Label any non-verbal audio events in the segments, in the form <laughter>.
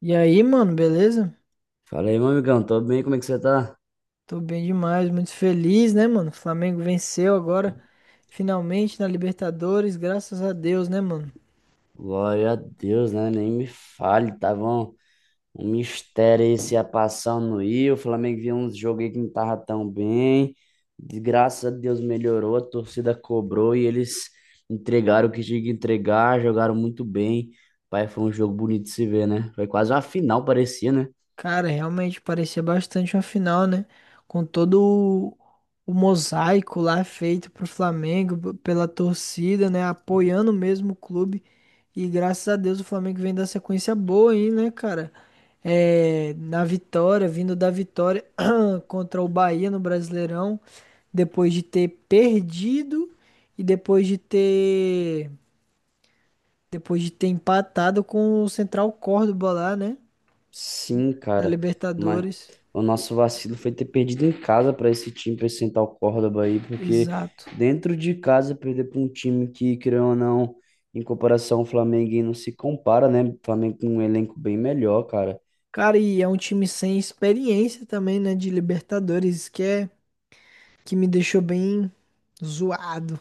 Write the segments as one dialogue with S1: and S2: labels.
S1: E aí, mano, beleza?
S2: Fala aí, meu amigão, tô bem, como é que você tá?
S1: Tô bem demais, muito feliz, né, mano? O Flamengo venceu agora, finalmente na Libertadores, graças a Deus, né, mano?
S2: Glória a Deus, né? Nem me fale, tava um mistério aí se ia passar ou não ia. O Flamengo viu uns jogos aí que não tava tão bem. De graças a Deus melhorou, a torcida cobrou e eles entregaram o que tinha que entregar, jogaram muito bem. Pai, foi um jogo bonito de se ver, né? Foi quase uma final, parecia, né?
S1: Cara, realmente parecia bastante uma final, né? Com todo o, o mosaico lá feito pro Flamengo, pela torcida, né? Apoiando mesmo o clube. E graças a Deus o Flamengo vem da sequência boa aí, né, cara? É, na vitória, vindo da vitória contra o Bahia no Brasileirão, depois de ter perdido e depois de ter empatado com o Central Córdoba lá, né,
S2: Sim,
S1: na
S2: cara, mas
S1: Libertadores.
S2: o nosso vacilo foi ter perdido em casa para esse time, para esse Central Córdoba aí, porque
S1: Exato.
S2: dentro de casa perder para um time que, querendo ou não, em comparação ao Flamengo, aí não se compara, né? O Flamengo com um elenco bem melhor, cara.
S1: Cara, e é um time sem experiência também, né, de Libertadores, que é que me deixou bem zoado.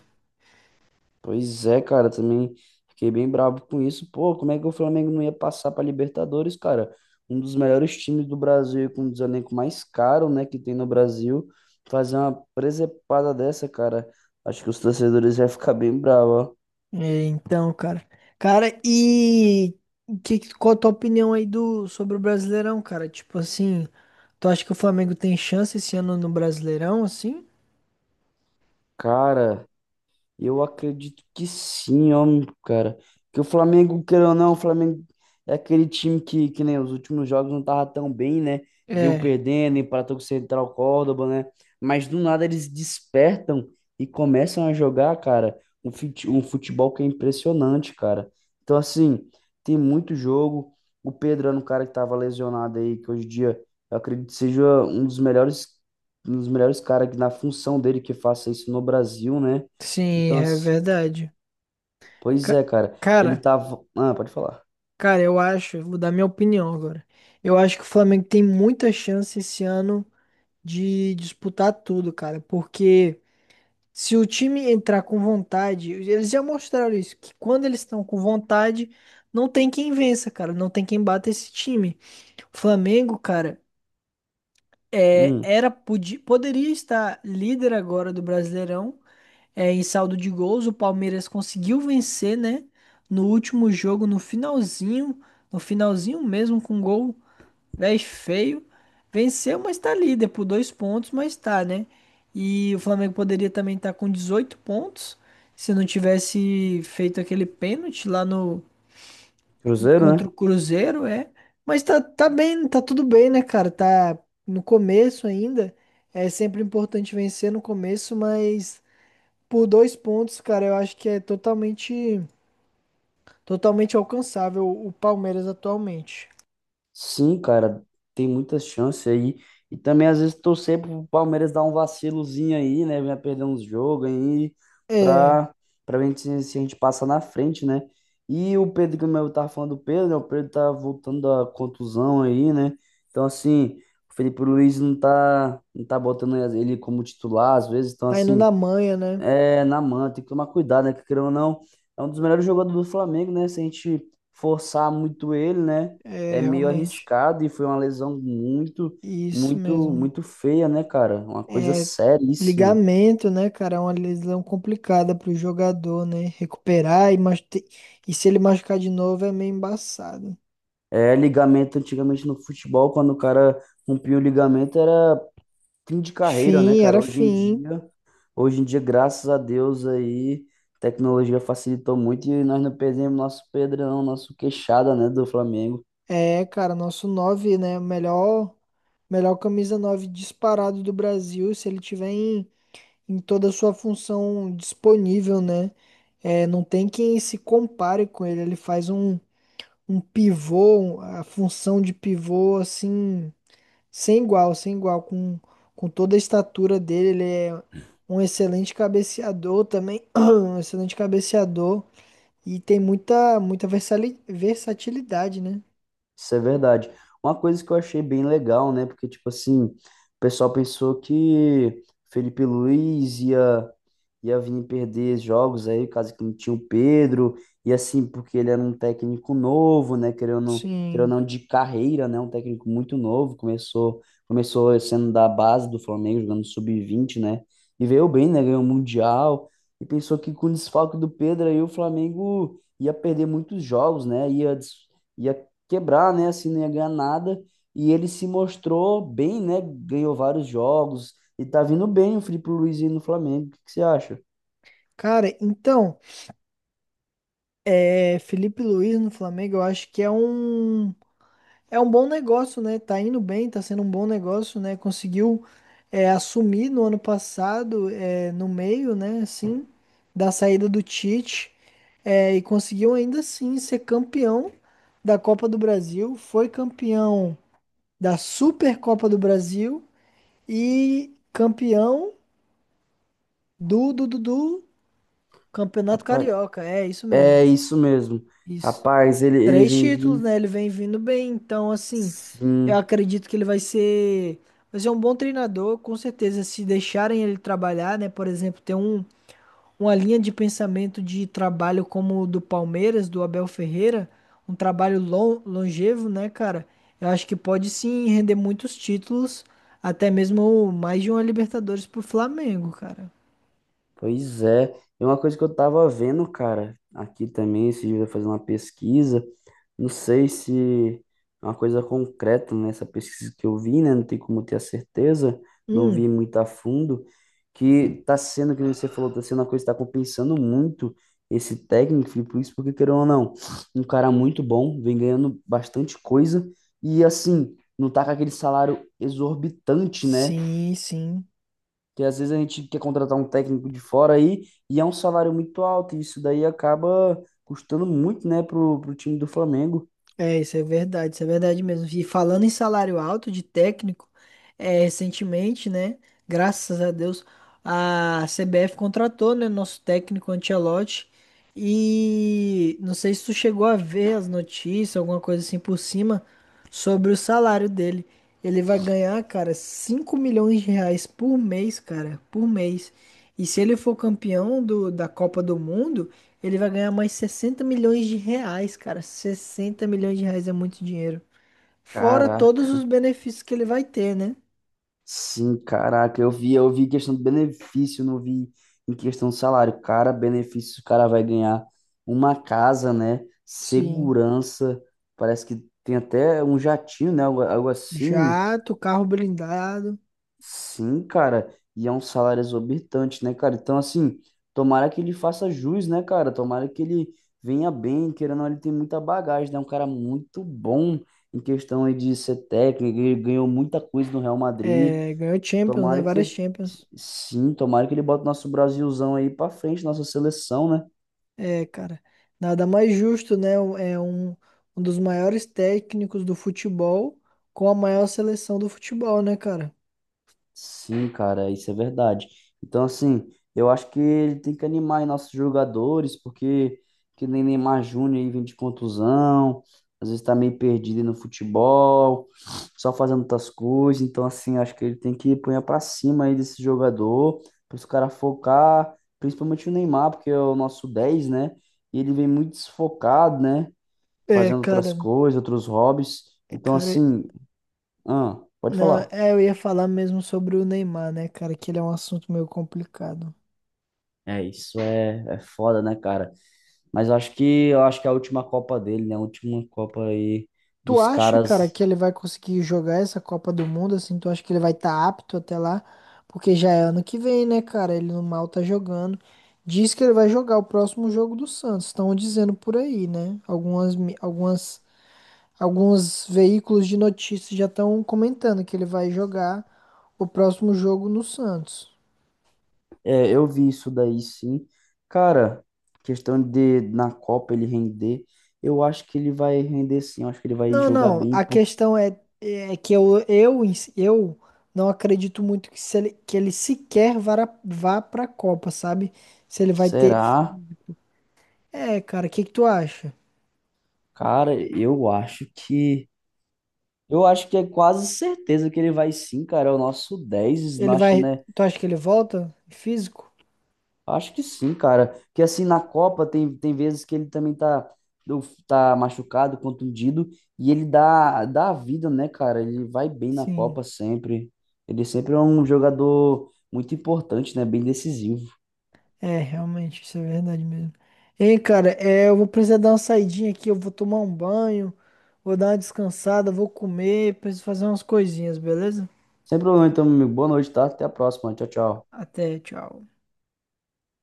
S2: Pois é, cara, também fiquei bem bravo com isso. Pô, como é que o Flamengo não ia passar para Libertadores, cara? Um dos melhores times do Brasil, e com um dos elencos mais caros, né, que tem no Brasil, fazer uma presepada dessa, cara. Acho que os torcedores vão ficar bem bravos, ó.
S1: É, então, cara. Cara, e qual a tua opinião aí do, sobre o Brasileirão, cara? Tipo assim, tu acha que o Flamengo tem chance esse ano no Brasileirão, assim?
S2: Cara, eu acredito que sim, ó, cara. Que o Flamengo, queira ou não, o Flamengo é aquele time que nem os últimos jogos não tava tão bem, né? Viu
S1: É,
S2: perdendo, empatou com o Central Córdoba, né? Mas do nada eles despertam e começam a jogar, cara, um futebol que é impressionante, cara. Então, assim, tem muito jogo. O Pedro era um cara que tava lesionado aí, que hoje em dia eu acredito que seja um dos melhores caras que na função dele que faça isso no Brasil, né?
S1: sim,
S2: Então,
S1: é
S2: assim,
S1: verdade.
S2: pois
S1: Ca-
S2: é, cara. Ele
S1: cara,
S2: tava. Ah, pode falar.
S1: cara, eu acho, vou dar minha opinião agora. Eu acho que o Flamengo tem muita chance esse ano de disputar tudo, cara, porque se o time entrar com vontade, eles já mostraram isso, que quando eles estão com vontade, não tem quem vença, cara, não tem quem bata esse time. O Flamengo, cara, é,
S2: Hum,
S1: era podia poderia estar líder agora do Brasileirão, é, em saldo de gols. O Palmeiras conseguiu vencer, né? No último jogo, no finalzinho, no finalzinho mesmo com gol. 10 feio. Venceu, mas tá líder por dois pontos, mas tá, né? E o Flamengo poderia também estar com 18 pontos se não tivesse feito aquele pênalti lá no
S2: Cruzeiro,
S1: contra o
S2: né?
S1: Cruzeiro, é. Mas tá, tá bem, tá tudo bem, né, cara? Tá no começo ainda. É sempre importante vencer no começo, mas por dois pontos, cara, eu acho que é totalmente, totalmente alcançável o Palmeiras atualmente.
S2: Sim, cara. Tem muitas chances aí. E também, às vezes, torcer pro Palmeiras dar um vacilozinho aí, né? Venha perder uns jogos aí
S1: É,
S2: pra, pra ver se a gente passa na frente, né? E o Pedro, como eu tava falando do Pedro, né? O Pedro tá voltando da contusão aí, né? Então, assim, o Felipe Luiz não tá botando ele como titular, às vezes. Então,
S1: tá indo
S2: assim.
S1: na manha, né?
S2: É, na mão, tem que tomar cuidado, né? Que querendo ou não, é um dos melhores jogadores do Flamengo, né? Se a gente forçar muito ele, né?
S1: É,
S2: É meio
S1: realmente.
S2: arriscado e foi uma lesão
S1: Isso mesmo.
S2: muito feia, né, cara? Uma coisa
S1: É
S2: seríssima.
S1: ligamento, né, cara? É uma lesão complicada pro jogador, né? Recuperar e, mas e se ele machucar de novo é meio embaçado.
S2: É, ligamento antigamente no futebol, quando o cara rompia o ligamento, era fim de carreira, né,
S1: Fim,
S2: cara?
S1: era fim.
S2: Hoje em dia, graças a Deus aí, tecnologia facilitou muito e nós não perdemos nosso Pedrão, nosso queixada, né, do Flamengo.
S1: É, cara, nosso 9 né? Melhor, melhor camisa 9 disparado do Brasil, se ele tiver em, em toda a sua função disponível, né? É, não tem quem se compare com ele. Ele faz um, um pivô, a função de pivô, assim. Sem igual, sem igual, com toda a estatura dele, ele é um excelente cabeceador também, <clears throat> um excelente cabeceador e tem muita, muita versatilidade, né?
S2: Isso é verdade. Uma coisa que eu achei bem legal, né? Porque, tipo assim, o pessoal pensou que Felipe Luiz ia, ia vir perder jogos aí, caso que não tinha o Pedro, e assim, porque ele era um técnico novo, né? Querendo ou
S1: Sim.
S2: não, de carreira, né? Um técnico muito novo, começou sendo da base do Flamengo, jogando sub-20, né? E veio bem, né? Ganhou o Mundial, e pensou que com o desfalque do Pedro aí o Flamengo ia perder muitos jogos, né? Ia quebrar, né? Assim, não ia ganhar nada. E ele se mostrou bem, né? Ganhou vários jogos e tá vindo bem o Filipe Luiz aí no Flamengo. O que que você acha?
S1: Cara, então, é, Felipe Luiz no Flamengo, eu acho que é um. É um bom negócio, né? Tá indo bem, tá sendo um bom negócio, né? Conseguiu é, assumir no ano passado, é, no meio, né? Assim, da saída do Tite, é, e conseguiu ainda assim ser campeão da Copa do Brasil, foi campeão da Supercopa do Brasil e campeão do Campeonato
S2: Rapaz,
S1: Carioca. É isso mesmo,
S2: é isso mesmo.
S1: isso.
S2: Rapaz, ele
S1: Três
S2: vem
S1: títulos,
S2: vindo.
S1: né? Ele vem vindo bem, então assim, eu
S2: Sim.
S1: acredito que ele vai ser um bom treinador, com certeza, se deixarem ele trabalhar, né? Por exemplo, ter um, uma linha de pensamento de trabalho como o do Palmeiras, do Abel Ferreira, um trabalho longevo, né, cara? Eu acho que pode sim render muitos títulos, até mesmo mais de uma Libertadores pro Flamengo, cara.
S2: Pois é, e uma coisa que eu tava vendo, cara, aqui também, esse dia eu fazendo uma pesquisa, não sei se é uma coisa concreta nessa pesquisa que eu vi, né, não tem como ter a certeza, não
S1: Hum,
S2: vi muito a fundo, que tá sendo, que nem você falou, tá sendo uma coisa que tá compensando muito esse técnico, por isso, porque querendo ou não, um cara muito bom, vem ganhando bastante coisa, e assim, não tá com aquele salário exorbitante, né,
S1: sim, sim.
S2: porque às vezes a gente quer contratar um técnico de fora aí e é um salário muito alto, e isso daí acaba custando muito, né, pro time do Flamengo.
S1: É, isso é verdade mesmo. E falando em salário alto de técnico, é, recentemente, né? Graças a Deus, a CBF contratou, né, nosso técnico Ancelotti. E não sei se tu chegou a ver as notícias, alguma coisa assim por cima, sobre o salário dele. Ele vai ganhar, cara, 5 milhões de reais por mês, cara, por mês. E se ele for campeão do, da Copa do Mundo, ele vai ganhar mais 60 milhões de reais, cara. 60 milhões de reais é muito dinheiro. Fora todos os
S2: Caraca,
S1: benefícios que ele vai ter, né?
S2: sim, caraca, eu vi questão de benefício, não vi em questão de salário. Cara, benefício, o cara vai ganhar uma casa, né?
S1: Sim.
S2: Segurança, parece que tem até um jatinho, né? Algo assim.
S1: Jato, carro blindado.
S2: Sim, cara, e é um salário exorbitante, né, cara? Então, assim, tomara que ele faça jus, né, cara? Tomara que ele venha bem, querendo ou não, ele tem muita bagagem, né? É um cara muito bom em questão aí de ser técnico, ele ganhou muita coisa no Real Madrid.
S1: É, ganhou Champions, né?
S2: Tomara que
S1: Várias
S2: ele,
S1: Champions.
S2: sim, tomara que ele bote nosso Brasilzão aí pra frente, nossa seleção, né?
S1: É, cara. Nada mais justo, né? É um, um dos maiores técnicos do futebol com a maior seleção do futebol, né, cara?
S2: Sim, cara, isso é verdade. Então, assim, eu acho que ele tem que animar aí nossos jogadores, porque que nem Neymar Júnior aí vem de contusão, às vezes tá meio perdido aí no futebol, só fazendo outras coisas. Então, assim, acho que ele tem que pôr pra cima aí desse jogador, para os caras focar, principalmente o Neymar, porque é o nosso 10, né? E ele vem muito desfocado, né?
S1: É,
S2: Fazendo outras
S1: cara.
S2: coisas, outros hobbies.
S1: É,
S2: Então,
S1: cara.
S2: assim, ah, pode
S1: Não,
S2: falar.
S1: é, eu ia falar mesmo sobre o Neymar, né, cara? Que ele é um assunto meio complicado.
S2: É, é foda, né, cara? Mas eu acho que é a última Copa dele, né? A última Copa aí
S1: Tu
S2: dos
S1: acha, cara,
S2: caras.
S1: que ele vai conseguir jogar essa Copa do Mundo, assim? Tu acha que ele vai estar apto até lá? Porque já é ano que vem, né, cara? Ele no mal tá jogando. Diz que ele vai jogar o próximo jogo do Santos. Estão dizendo por aí, né? Algumas, alguns veículos de notícias já estão comentando que ele vai jogar o próximo jogo no Santos.
S2: É, eu vi isso daí sim. Cara, questão de na Copa ele render, eu acho que ele vai render sim, eu acho que ele vai
S1: Não,
S2: jogar
S1: não.
S2: bem,
S1: A
S2: porque
S1: questão é, é que eu não acredito muito que, se ele, que ele sequer vá, vá pra Copa, sabe? Se ele vai ter.
S2: será?
S1: É, cara, o que que tu acha?
S2: Cara, eu acho que é quase certeza que ele vai sim, cara, é o nosso 10
S1: Ele
S2: acho,
S1: vai.
S2: né?
S1: Tu acha que ele volta? Físico?
S2: Acho que sim, cara. Que assim, na Copa tem, tem vezes que ele também tá machucado, contundido, e ele dá a vida, né, cara? Ele vai bem na
S1: Sim.
S2: Copa sempre. Ele sempre é um jogador muito importante, né? Bem decisivo.
S1: É, realmente, isso é verdade mesmo. Hein, cara, é, eu vou precisar dar uma saidinha aqui, eu vou tomar um banho, vou dar uma descansada, vou comer, preciso fazer umas coisinhas, beleza?
S2: Sem problema, então, meu amigo. Boa noite, tá? Até a próxima. Tchau, tchau.
S1: Até, tchau.